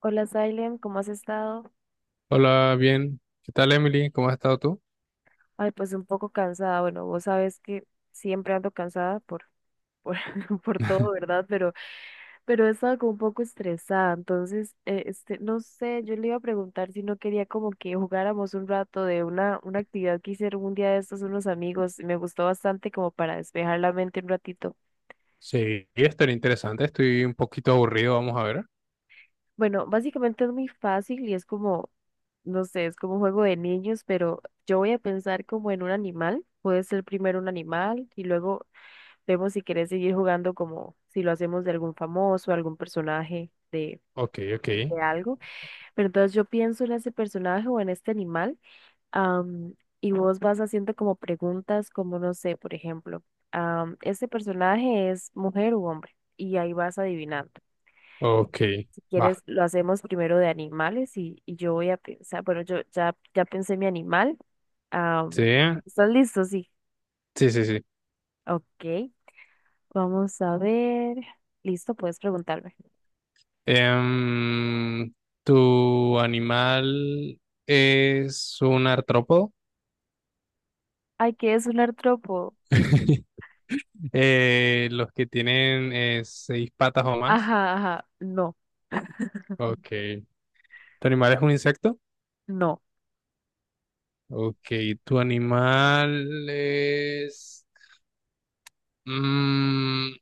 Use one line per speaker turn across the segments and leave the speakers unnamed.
Hola, Silent, ¿cómo has estado?
Hola, bien. ¿Qué tal, Emily? ¿Cómo has estado tú?
Ay, pues un poco cansada. Bueno, vos sabes que siempre ando cansada por, por todo, ¿verdad? Pero he estado como un poco estresada. Entonces, este, no sé, yo le iba a preguntar si no quería como que jugáramos un rato de una actividad que hicieron un día de estos unos amigos. Me gustó bastante como para despejar la mente un ratito.
Sí, esto era interesante. Estoy un poquito aburrido. Vamos a ver.
Bueno, básicamente es muy fácil y es como, no sé, es como un juego de niños, pero yo voy a pensar como en un animal. Puede ser primero un animal y luego vemos si querés seguir jugando como si lo hacemos de algún famoso, algún personaje de,
Ok, ok.
de algo. Pero entonces yo pienso en ese personaje o en este animal am, y vos vas haciendo como preguntas como, no sé, por ejemplo, ¿este personaje es mujer u hombre? Y ahí vas adivinando.
Ok,
Si
va.
quieres, lo hacemos primero de animales y yo voy a pensar, bueno, ya pensé mi animal.
Sí,
Am, ¿estás listo? Sí.
sí, sí, sí.
Ok, vamos a ver. Listo, puedes preguntarme.
Em, ¿Tu animal es un artrópodo?
Ay, ¿qué es un artrópodo?
Los que tienen seis patas o más.
Ajá, ajá, no,
Ok. ¿Tu animal es un insecto?
no.
Ok. ¿Tu animal es... mm,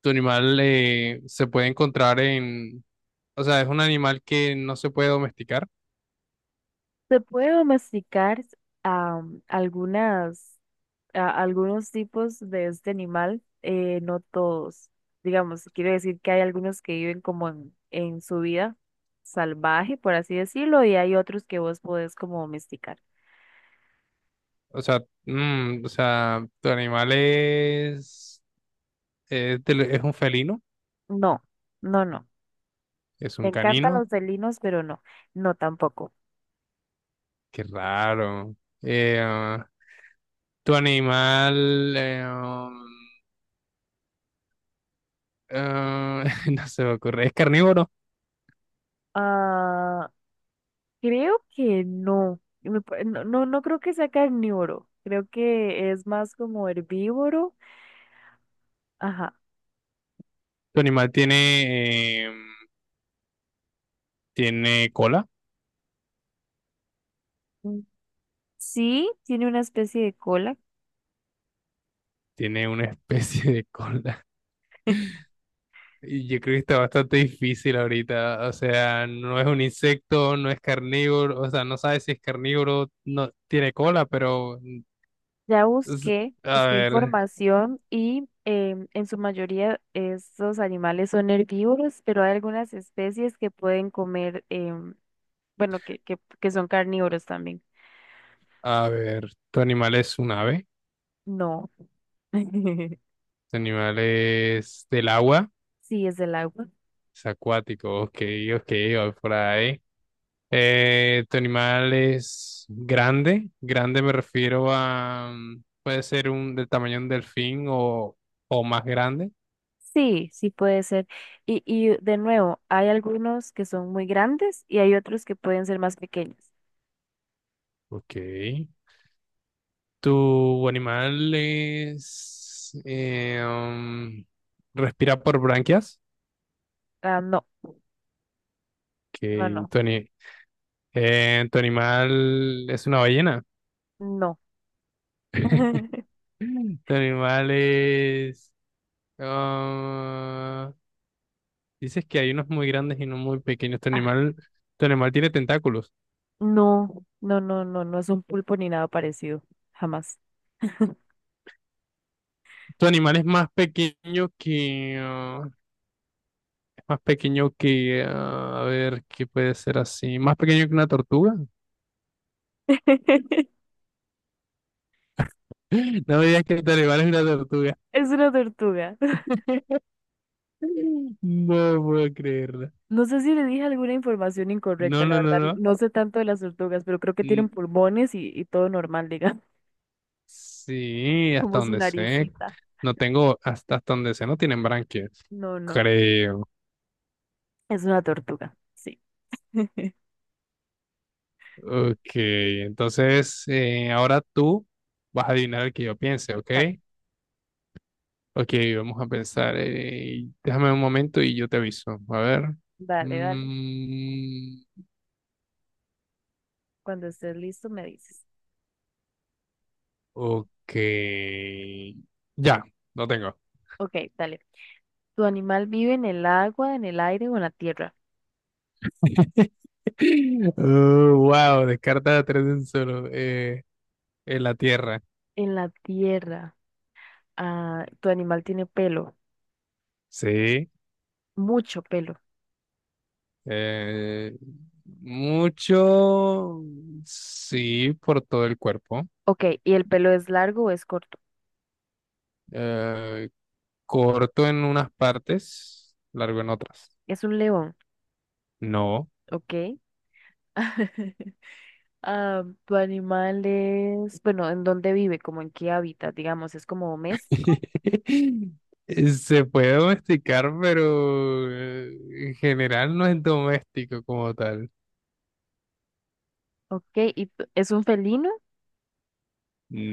Tu animal se puede encontrar en, o sea, es un animal que no se puede domesticar.
Se puede domesticar am, algunas algunos tipos de este animal, no todos. Digamos, quiero decir que hay algunos que viven como en su vida salvaje, por así decirlo, y hay otros que vos podés como domesticar.
O sea, o sea, tu animal es un felino,
No, no, no.
es
Me
un
encantan
canino.
los felinos, pero no, no tampoco.
Qué raro. Ah, tu animal, um, ah, No se me ocurre, es carnívoro.
Ah, creo que no. No, no, no creo que sea carnívoro. Creo que es más como herbívoro. Ajá.
Tu animal tiene cola,
Mm, sí, tiene una especie de cola.
tiene una especie de cola. Y yo creo que está bastante difícil ahorita. O sea, no es un insecto, no es carnívoro, o sea, no sabe si es carnívoro, no tiene cola, pero
Ya
es-
busqué,
a
busqué
ver,
información y em, en su mayoría estos animales son herbívoros, pero hay algunas especies que pueden comer, em, bueno, que son carnívoros también.
a ver, tu animal es un ave,
No.
tu animal es del agua,
Sí, es del agua.
es acuático, ok, ok, va por ahí. Tu animal es grande, grande me refiero a, puede ser un del tamaño de un delfín o más grande,
Sí, sí puede ser. Y de nuevo, hay algunos que son muy grandes y hay otros que pueden ser más pequeños.
ok. ¿Tu animal respira por branquias?
Ah, no, no,
Que
no,
tu, ani- Tu animal es una ballena.
no.
Tu animal es... ah, Dices que hay unos muy grandes y unos muy pequeños. Tu
Ah,
animal, tu animal tiene tentáculos.
no, no, no, no, no es un pulpo ni nada parecido, jamás.
Tu animal es más pequeño que... ah, A ver, ¿qué puede ser así? Más pequeño que una tortuga. No me digas que tu animal es una tortuga.
Es una tortuga.
No puedo creerla.
No sé si le dije alguna información incorrecta,
No,
la
no, no,
verdad.
no.
No sé tanto de las tortugas, pero creo que tienen
Mm,
pulmones y todo normal, digamos,
sí, hasta
como su
donde sé.
naricita.
No tengo, hasta donde sé, no tienen branquias.
No, no,
Creo.
es una tortuga. Sí.
Ok, entonces ahora tú vas a adivinar el que yo piense, ¿ok?
Exacto.
Ok, vamos a pensar. Déjame un momento y yo te aviso. A ver.
Dale, dale.
Mm,
Cuando estés listo, me dices.
ok. Ya, no tengo.
Ok, dale. ¿Tu animal vive en el agua, en el aire o en la tierra?
Wow, descarta tres en solo. En la tierra.
En la tierra. Ah, tu animal tiene pelo,
Sí.
mucho pelo.
eh, Mucho, sí, por todo el cuerpo.
Ok, ¿y el pelo es largo o es corto?
eh, Corto en unas partes, largo en otras.
Es un león,
No.
ok. Ah, tu animal es, bueno, ¿en dónde vive? ¿Como en qué hábitat? Digamos, ¿es como doméstico?
Se puede domesticar, pero en general no es doméstico como tal.
Ok, ¿y es un felino?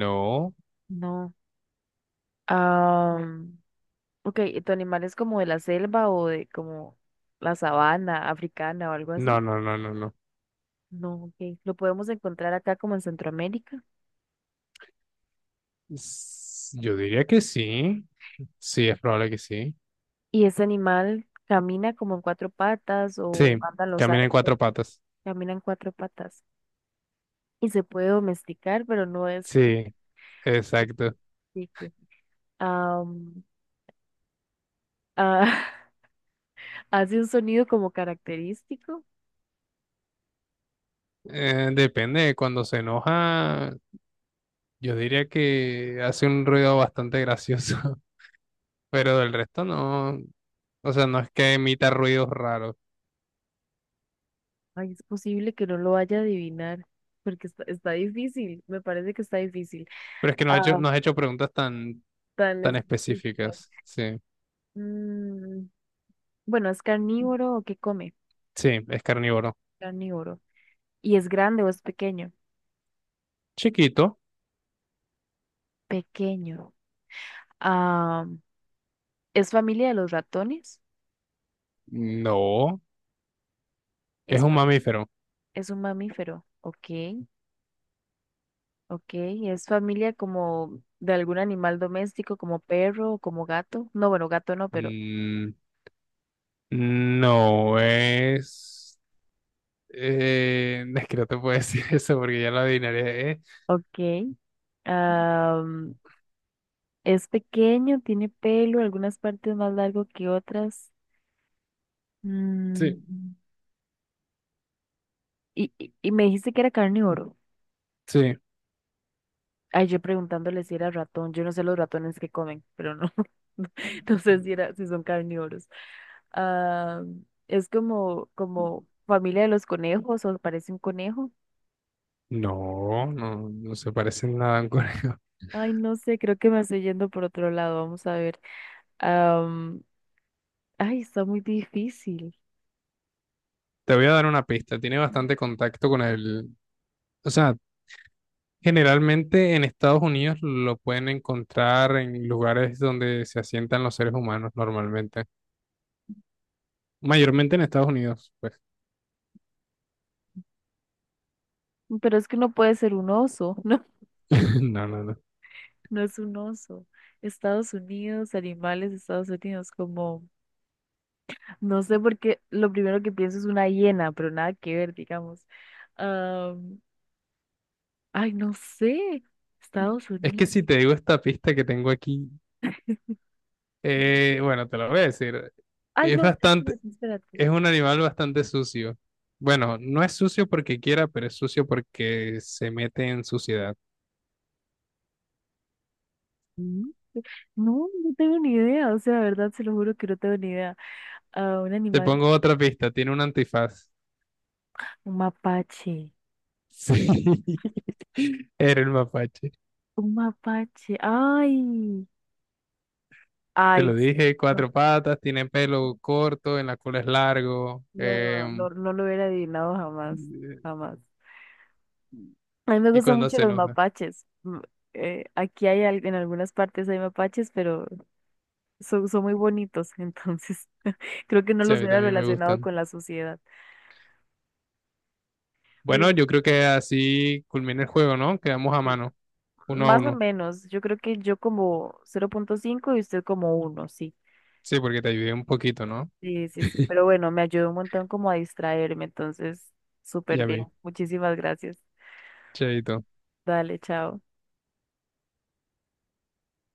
No,
No. Ah, ok, ¿y tu animal es como de la selva o de como la sabana africana o algo
no,
así?
no, no, no, no.
No, ok. Lo podemos encontrar acá como en Centroamérica.
Yo diría que sí. Sí, es probable que sí.
¿Y ese animal camina como en cuatro patas o
Sí,
anda en los
camina en
árboles?
cuatro patas.
Camina en cuatro patas. Y se puede domesticar, pero no es...
Sí. Exacto.
que- Ah, ah, hace un sonido como característico.
Depende de cuando se enoja, yo diría que hace un ruido bastante gracioso, pero del resto no. O sea, no es que emita ruidos raros,
Ay, es posible que no lo vaya a adivinar, porque está, está difícil. Me parece que está difícil.
pero es que
Ah,
no has hecho preguntas tan,
tan
tan
específico.
específicas. Sí,
Mm, bueno, ¿es carnívoro o qué come?
sí, es carnívoro.
Carnívoro. ¿Y es grande o es pequeño?
Chiquito,
Pequeño. Ah, ¿es familia de los ratones?
no. Es
Es,
un
fam-
mamífero.
es un mamífero. Ok, ok. ¿Es familia como de algún animal doméstico, como perro o como gato? No, bueno, gato no, pero...
Mm, no es. Es que no te puedo decir eso porque ya lo adivinaré.
Ok. Am, es pequeño, tiene pelo, algunas partes más largo que otras.
Sí,
Mm, y me dijiste que era carnívoro.
sí.
Ay, yo preguntándole si era ratón. Yo no sé los ratones que comen, pero no. No sé si son carnívoros. Ah, es como, como familia de los conejos o parece un conejo.
No, no, no se parece en nada a un conejo.
Ay, no sé, creo que me estoy yendo por otro lado. Vamos a ver. Am, ay, está muy difícil.
Te voy a dar una pista. Tiene bastante contacto con el... O sea, generalmente en Estados Unidos lo pueden encontrar en lugares donde se asientan los seres humanos normalmente. Mayormente en Estados Unidos, pues.
Pero es que no puede ser un oso.
No, no, no.
No es un oso. Estados Unidos, animales, de Estados Unidos, como, no sé por qué, lo primero que pienso es una hiena, pero nada que ver, digamos. Am, ay, no sé. Estados
Es que
Unidos.
si te digo esta pista que tengo aquí, bueno, te la voy a decir.
Ay,
Es
no,
bastante,
espérate, espérate.
es un animal bastante sucio. Bueno, no es sucio porque quiera, pero es sucio porque se mete en suciedad.
Mm, no, no tengo ni idea. O sea, de verdad, se lo juro que no tengo ni idea. Ah, un
Te
animal,
pongo otra pista, tiene un antifaz.
un mapache.
Sí, era el mapache.
Un mapache. Ay,
Te
ay,
lo dije, cuatro patas, tiene pelo corto, en la cola es largo,
no, no, no lo hubiera adivinado jamás, jamás. A mí me
y
gustan
cuando
mucho
se
los
enoja.
mapaches. Mm, aquí hay en algunas partes hay mapaches, pero son muy bonitos, entonces creo que no
Sí, a
los
mí
hubiera
también me
relacionado
gustan.
con la sociedad. Pero
Bueno, yo creo que así culmina el juego, ¿no? Quedamos a
sí,
mano, uno a
más o
uno.
menos, yo creo que yo como 0,5 y usted como uno sí.
Sí, porque te ayudé un poquito, ¿no?
Sí, sí, sí. Pero bueno, me ayudó un montón como a distraerme, entonces
Y
súper
a
bien.
mí,
Muchísimas gracias.
chaito.
Dale, chao.